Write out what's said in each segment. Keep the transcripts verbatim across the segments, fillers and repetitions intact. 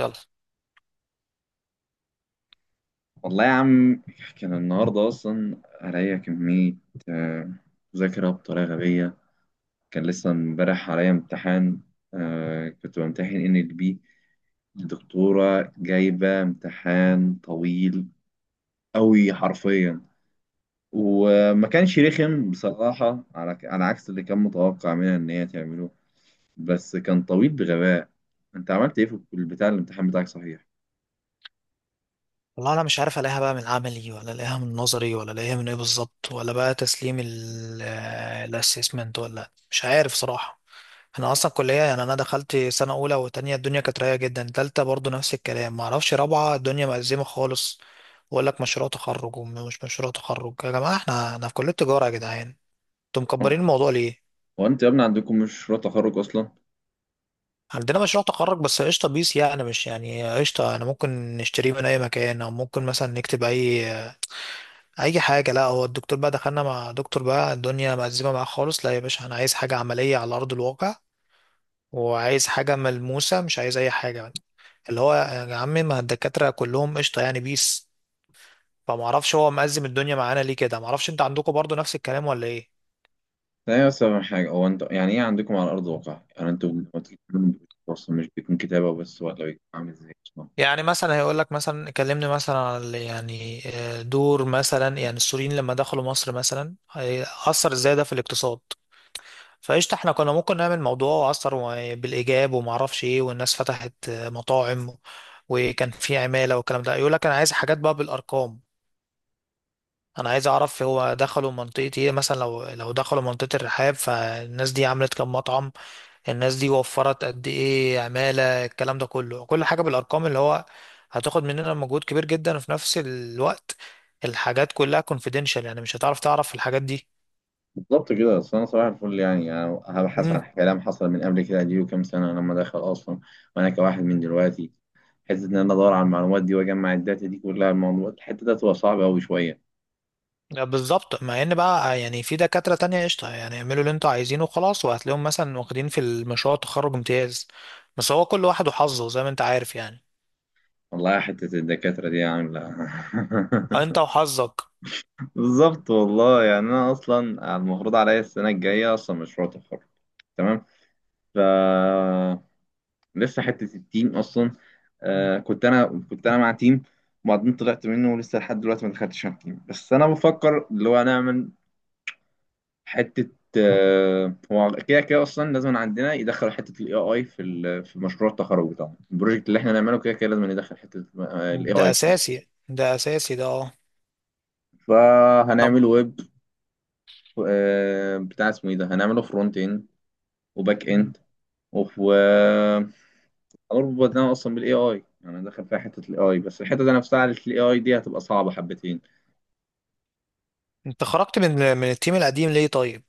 يلا، والله يا عم، كان النهاردة أصلا عليا كمية آه، مذاكرة بطريقة غبية. كان لسه امبارح عليا امتحان. آه، كنت بمتحن ان ال بي. الدكتورة جايبة امتحان طويل أوي حرفيا، وما كانش رخم بصراحة، على على عكس اللي كان متوقع منها إن هي تعمله. بس كان طويل بغباء. أنت عملت إيه في البتاع الامتحان بتاعك صحيح؟ والله انا مش عارف الاقيها بقى من عملي، ولا الاقيها من نظري، ولا الاقيها من ايه بالظبط، ولا بقى تسليم الاسسمنت، ولا مش عارف صراحة. انا اصلا كلية، يعني انا دخلت سنة اولى وتانية الدنيا كانت رايقة جدا، تالتة برضو نفس الكلام، ما اعرفش رابعة الدنيا مأزمة خالص. واقول لك مشروع تخرج ومش مشروع تخرج يا جماعة، احنا انا في كلية تجارة يا جدعان، انتوا مكبرين اه، الموضوع ليه؟ هو أنت يا ابني عندكم مشروع تخرج أصلا؟ عندنا مشروع تخرج، بس قشطة بيس، يعني مش يعني قشطة. أنا ممكن نشتريه من أي مكان، أو ممكن مثلا نكتب أي اي حاجه. لا، هو الدكتور بقى دخلنا مع دكتور بقى الدنيا مأزمه معاه خالص. لا يا باشا، انا عايز حاجه عمليه على ارض الواقع، وعايز حاجه ملموسه، مش عايز اي حاجه يعني. اللي هو يا عم، ما الدكاتره كلهم قشطه يعني بيس، فما اعرفش هو مأزم الدنيا معانا ليه كده؟ ما اعرفش، انت عندكم برضو نفس الكلام ولا ايه؟ لا يا سامح حاجة، هو انت يعني ايه عندكم على أرض الواقع؟ يعني انتوا لما تيجي تعملوا، أصلا مش بيكون كتابة بس ولا بيكون عامل ازاي أصلا؟ يعني مثلا هيقول لك مثلا كلمني مثلا على يعني آه، دور مثلا يعني السوريين لما دخلوا مصر مثلا هي- اثر ازاي ده في الاقتصاد. فقشطة احنا كنا ممكن نعمل موضوع أثر و- بالإيجاب، وما أعرفش إيه، والناس فتحت مطاعم وكان في عمالة والكلام ده. يقول لك أنا عايز حاجات بقى بالأرقام. أنا عايز أعرف هو دخلوا منطقة إيه مثلا؟ لو لو دخلوا منطقة الرحاب، فالناس دي عملت كام مطعم، الناس دي وفرت قد إيه عمالة، الكلام ده كله، كل حاجة بالأرقام، اللي هو هتاخد مننا مجهود كبير جدا. وفي نفس الوقت الحاجات كلها confidential، يعني مش هتعرف تعرف الحاجات دي. بالظبط كده. أصل أنا صباح الفل، يعني يعني أنا هبحث عن كلام حصل من قبل كده دي، وكام سنة لما دخل أصلا. وأنا كواحد من دلوقتي، حتة إن أنا أدور على المعلومات دي وأجمع الداتا دي كلها، الموضوع الحتة ده تبقى صعبة أوي شوية. لا، بالظبط. مع ان بقى يعني في دكاترة تانية قشطة، يعني اعملوا اللي انتوا عايزينه وخلاص، وهتلاقيهم مثلا واخدين في المشروع التخرج امتياز. بس هو كل واحد وحظه زي ما انت عارف يعني. والله حتة الدكاترة دي عاملة ها انت وحظك. بالظبط والله. يعني أنا أصلا المفروض عليا السنة الجاية أصلا مشروع تخرج، تمام؟ ف لسه حته التيم اصلا. مم. آه، كنت انا كنت انا مع تيم، وبعدين طلعت منه، ولسه لحد دلوقتي ما دخلتش على التيم. بس انا بفكر اللي هو نعمل حته. آه، هو كده كده اصلا لازم عندنا يدخلوا حته الاي اي في ال- في مشروع التخرج بتاعنا. البروجكت اللي احنا نعمله كده كده لازم ندخل حته الاي ده اي فيه. اساسي، ده اساسي، ده، اه. طب. فهنعمل ويب، آه بتاع اسمه ايه ده، هنعمله فرونت اند وباك مم. اند، اربط ده اصلا بالاي اي. انا داخل فيها حته الاي اي، بس الحته دي نفسها على الاي اي دي هتبقى صعبه حبتين. انت خرجت من من التيم القديم ليه طيب؟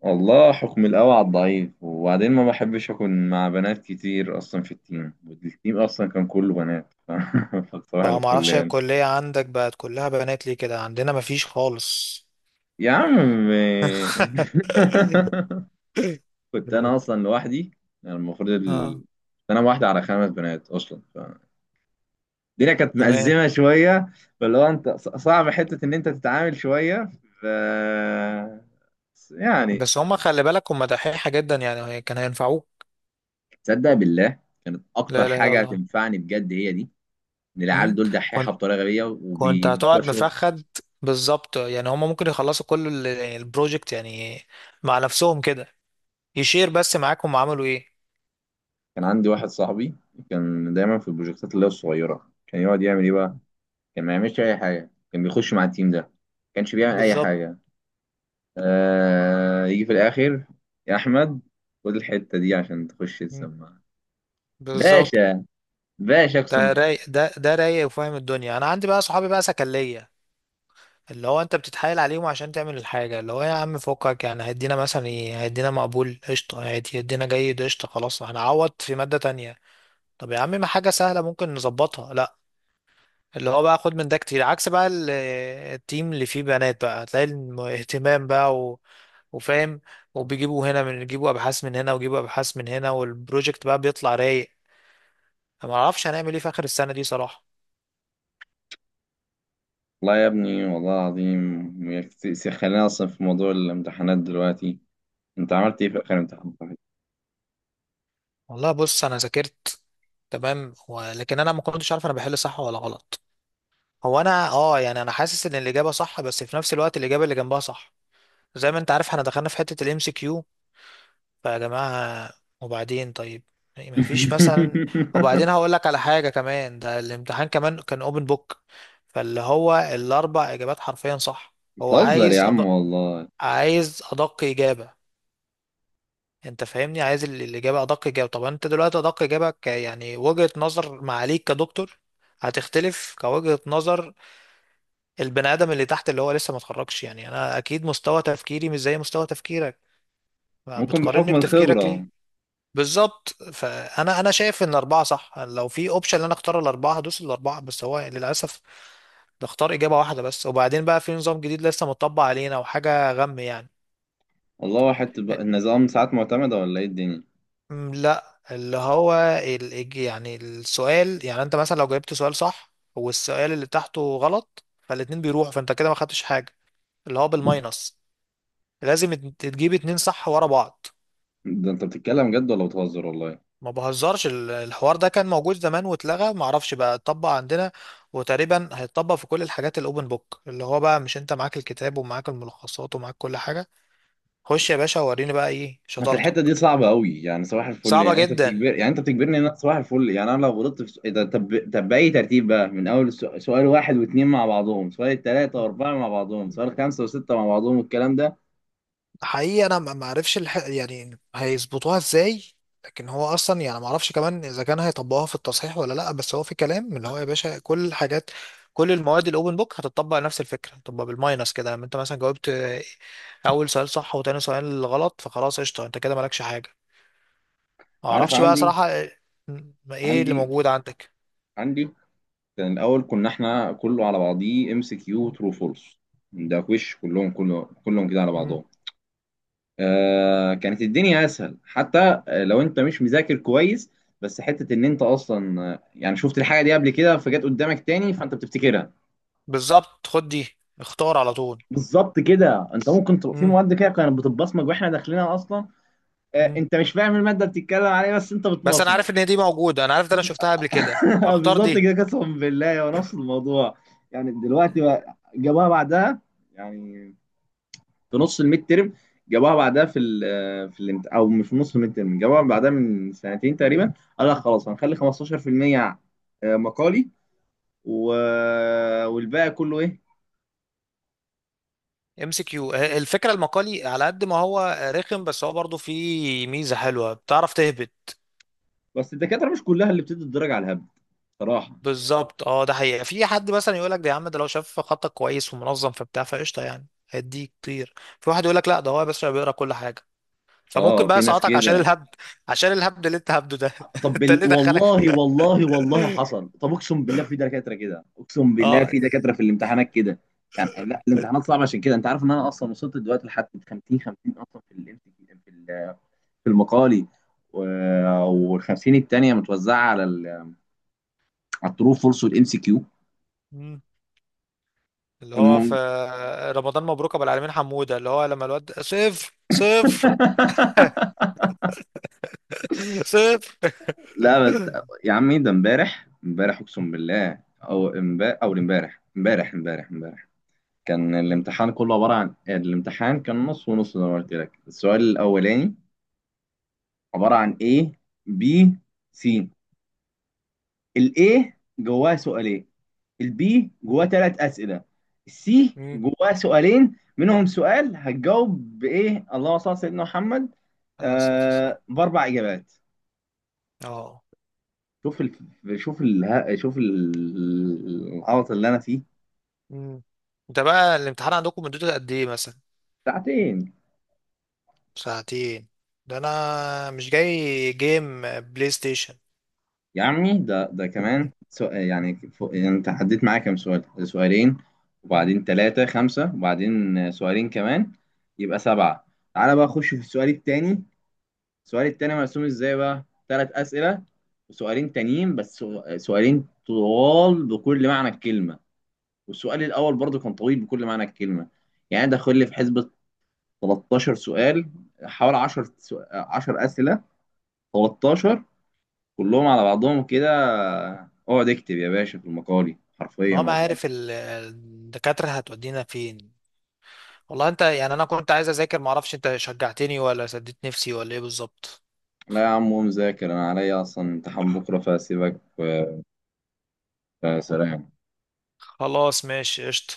والله حكم القوي على الضعيف. وبعدين ما بحبش اكون مع بنات كتير اصلا في التيم، والتيم اصلا كان كله بنات فصباح طبعا، ما الفل اعرفش هي يعني. الكلية عندك بقت كلها بنات ليه كده؟ عندنا مفيش خالص. يا عم كنت انا اصلا لوحدي. يعني المفروض اه، ال... انا واحده على خمس بنات اصلا، الدنيا كانت تمام. مأزمة شوية. فاللي هو انت ص- صعب حتة ان انت تتعامل شوية. ف، يعني، بس هم خلي بالك هم دحيحة جدا يعني، كان هينفعوك. تصدق بالله، كانت اكتر لا، لا، لا، حاجة لا. هتنفعني بجد هي دي، ان العيال مم. دول دحيحة كنت بطريقة غبية كنت وبتوع هتقعد شغل. مفخد. بالظبط، يعني هما ممكن يخلصوا كل ال- يعني البروجكت يعني مع نفسهم كده، يشير بس معاك هم عملوا ايه. كان عندي واحد صاحبي، كان دايما في البروجكتات اللي هي الصغيرة، كان يقعد يعمل ايه بقى، كان ما يعملش اي حاجة، كان بيخش مع التيم ده ما كانش بيعمل اي بالظبط. حاجة. آه... يجي في الاخر يا احمد خد الحتة دي عشان تخش مم. تسمع بالظبط. باشا، باشا اقسم. ده رايق، ده ده رايق وفاهم الدنيا. انا عندي بقى صحابي بقى سكلية، اللي هو انت بتتحايل عليهم عشان تعمل الحاجة، اللي هو يا عم فكك يعني. هيدينا مثلا ايه؟ هيدينا مقبول قشطة، هيدي- هيدينا جيد قشطة، خلاص هنعوض في مادة تانية. طب يا عم، ما حاجة سهلة ممكن نظبطها. لا اللي هو بقى خد من ده كتير، عكس بقى ال- التيم اللي فيه بنات بقى هتلاقي الم- اهتمام بقى و... وفاهم، وبيجيبوا هنا من يجيبوا ابحاث من هنا، ويجيبوا ابحاث من هنا، والبروجكت بقى بيطلع رايق. أنا ما اعرفش هنعمل ايه في اخر السنه دي صراحه. والله يا ابني والله العظيم، يا كت- س- خلينا اصلا في موضوع الامتحانات دلوقتي. انت عملت ايه في اخر امتحان صحيح؟ والله بص، انا ذاكرت تمام، ولكن انا ما كنتش عارف انا بحل صح ولا غلط. هو انا اه يعني انا حاسس ان الاجابه صح، بس في نفس الوقت الاجابه اللي جنبها صح. زي ما انت عارف احنا دخلنا في حته الام سي كيو، فيا جماعة، وبعدين طيب، يعني مفيش مثلا. وبعدين هقول لك على حاجة كمان، ده الامتحان كمان كان اوبن بوك. فاللي هو الأربع إجابات حرفيا صح. هو بتهزر يا عايز عم أدق والله. عايز أدق إجابة. أنت فاهمني، عايز ال- الإجابة أدق إجابة. طب أنت دلوقتي أدق إجابة ك يعني وجهة نظر معاليك كدكتور هتختلف كوجهة نظر البني آدم اللي تحت، اللي هو لسه ما اتخرجش يعني. أنا أكيد مستوى تفكيري مش زي مستوى تفكيرك. ممكن بتقارني بحكم بتفكيرك ليه؟ الخبرة. بالظبط، فانا انا شايف ان اربعه صح. لو في اوبشن ان انا اختار الاربعه هدوس الاربعه، بس هو للاسف بختار اجابه واحده بس. وبعدين بقى في نظام جديد لسه متطبق علينا وحاجه غم يعني. والله واحد تب- النظام ساعات معتمدة ولا ايه الدنيا؟ م، لا اللي هو ال- الج- يعني السؤال، يعني انت مثلا لو جاوبت سؤال صح والسؤال اللي تحته غلط، فالاتنين بيروحوا فانت كده ما خدتش حاجه. اللي هو بالماينس، لازم ات- تجيب اتنين صح ورا بعض. ده انت بتتكلم جد ولا بتهزر والله؟ ما بهزرش. ال- الحوار ده كان موجود زمان واتلغى، ما اعرفش بقى اتطبق عندنا. وتقريبا هيتطبق في كل الحاجات الاوبن بوك، اللي هو بقى مش انت معاك الكتاب ومعاك الملخصات ومعاك كل حاجة. خش يا باشا وريني بقى ايه بس الحتة شطارتك. دي صعبة قوي. يعني صباح الفل، صعبة يعني انت جدا بتجبر، يعني انت بتجبرني ان انا صباح الفل، يعني انا لو غلطت في س- إيه ده طب؟ طب بأي ترتيب بقى، من اول سؤ- سؤال واحد واثنين مع بعضهم، سؤال ثلاثة واربعة مع بعضهم، سؤال خمسة وستة مع بعضهم والكلام ده؟ حقيقي. انا ما ما اعرفش الح... يعني هيظبطوها ازاي. لكن هو اصلا يعني ما اعرفش كمان اذا كان هيطبقوها في التصحيح ولا لا. بس هو في كلام، اللي هو يا باشا كل الحاجات، كل المواد الاوبن بوك هتطبق نفس الفكره، هتطبق بالماينس كده، لما انت مثلا جاوبت آه، اول سؤال صح وتاني سؤال غلط، فخلاص قشطه انت كده مالكش حاجه. ما عارف اعرفش بقى عندي. صراحه آه، م- ايه اللي عندي موجود عندك؟ عندي كان الاول كنا احنا كله على بعضيه ام سي كيو ترو فولس. ده وش كلهم، كله كلهم كده على مم. بعضهم. آه، كانت الدنيا اسهل حتى لو انت مش مذاكر كويس. بس حته ان انت اصلا، آه، يعني شفت الحاجه دي قبل كده فجت قدامك تاني فانت بتفتكرها. بالظبط، خد دي اختار على طول. بالظبط كده، انت ممكن تبقى في مم. مواد كده كانت بتتبصمج واحنا داخلينها اصلا. آه، مم. انت مش فاهم الماده بتتكلم عليها بس انت بس انا بتبصمج. عارف ان دي موجوده، انا عارف ده، انا شفتها قبل كده، اختار بالظبط دي. كده، قسما بالله هو نفس الموضوع. يعني دلوقتي بقى جابوها بعدها، يعني في نص الميد ترم جابوها بعدها في ال في الامت... او مش في نص الميد ترم، جابوها بعدها من سنتين تقريبا. قال لك خلاص هنخلي خمستاشر في المية مقالي، و... والباقي كله ايه. ام سي كيو. الفكره المقالي على قد ما هو رخم، بس هو برضه فيه ميزه حلوه بتعرف تهبط. بس الدكاتره مش كلها اللي بتدي الدرجه على الهبل صراحه. بالظبط اه. ده حقيقه، في حد مثلا يقول لك ده يا عم، ده لو شاف خطك كويس ومنظم فبتاع فقشطه يعني هيديك كتير. في واحد يقول لك لا، ده هو بس بيقرا كل حاجه، فممكن اه، بقى في ناس يسقطك عشان كده. الهبد، عشان الهبد اللي انت هبده ده. طب انت بال... اللي دخلك. والله والله والله حصل. طب اقسم بالله في دكاتره كده، اقسم بالله اه. في دكاتره في الامتحانات كده. يعني لا، الامتحانات صعبه عشان كده. انت عارف ان انا اصلا وصلت دلوقتي لحد خمسين خمسين اصلا في ال، في ال- في المقالي، و... وال50 التانيه متوزعه على ال... على الترو فورس والام سي كيو. مم. اللي هو في المهم رمضان مبروك ابو العالمين حموده، اللي هو لما الواد صفر صفر. صفر. لا بس يا عمي ده امبارح امبارح اقسم بالله، او امبارح، او امبارح امبارح امبارح امبارح. كان الامتحان كله عبارة عن، الامتحان كان نص ونص زي ما قلت لك. السؤال الأولاني عبارة عن A، B، C. ال A جواه سؤالين، ال B جواه مم. ثلاث أسئلة، ال C مم. جواه سؤالين منهم سؤال هتجاوب بإيه، اللهم صل على سيدنا محمد، على الصوت والسلام. آه، بأربع إجابات. اه. شوف ال... شوف ال... شوف ال- العبط اللي أنا فيه. مم. ده بقى الامتحان عندكم مدته قد ايه مثلا؟ ساعتين. ساعتين؟ ده انا مش جاي جيم بلاي ستيشن. يا عمي ده ده كمان مم. سؤال يعني فوق. يعني انت عديت معايا كام سؤال؟ سؤالين، مم. وبعدين ثلاثة، خمسة، وبعدين سؤالين كمان، يبقى سبعة. تعالى بقى اخش في السؤال التاني. السؤال التاني مرسوم ازاي بقى؟ ثلاث أسئلة وسؤالين تانيين بس، سو- سؤالين طوال بكل معنى الكلمة، والسؤال الأول برضه كان طويل بكل معنى الكلمة. يعني دخل لي في حسبة تلتاشر سؤال، حوالي عشرة عشرة أسئلة، تلتاشر، كلهم على بعضهم كده. اقعد اكتب يا باشا في المقالي اللي حرفيا هو ما والله. عارف ال- الدكاترة هتودينا فين. والله انت يعني انا كنت عايز اذاكر، معرفش انت شجعتني ولا سديت نفسي ولا ايه بالظبط. لا يا عم قوم ذاكر، انا عليا اصلا امتحان بكره فسيبك. آه، سلام. خلاص ماشي قشطة.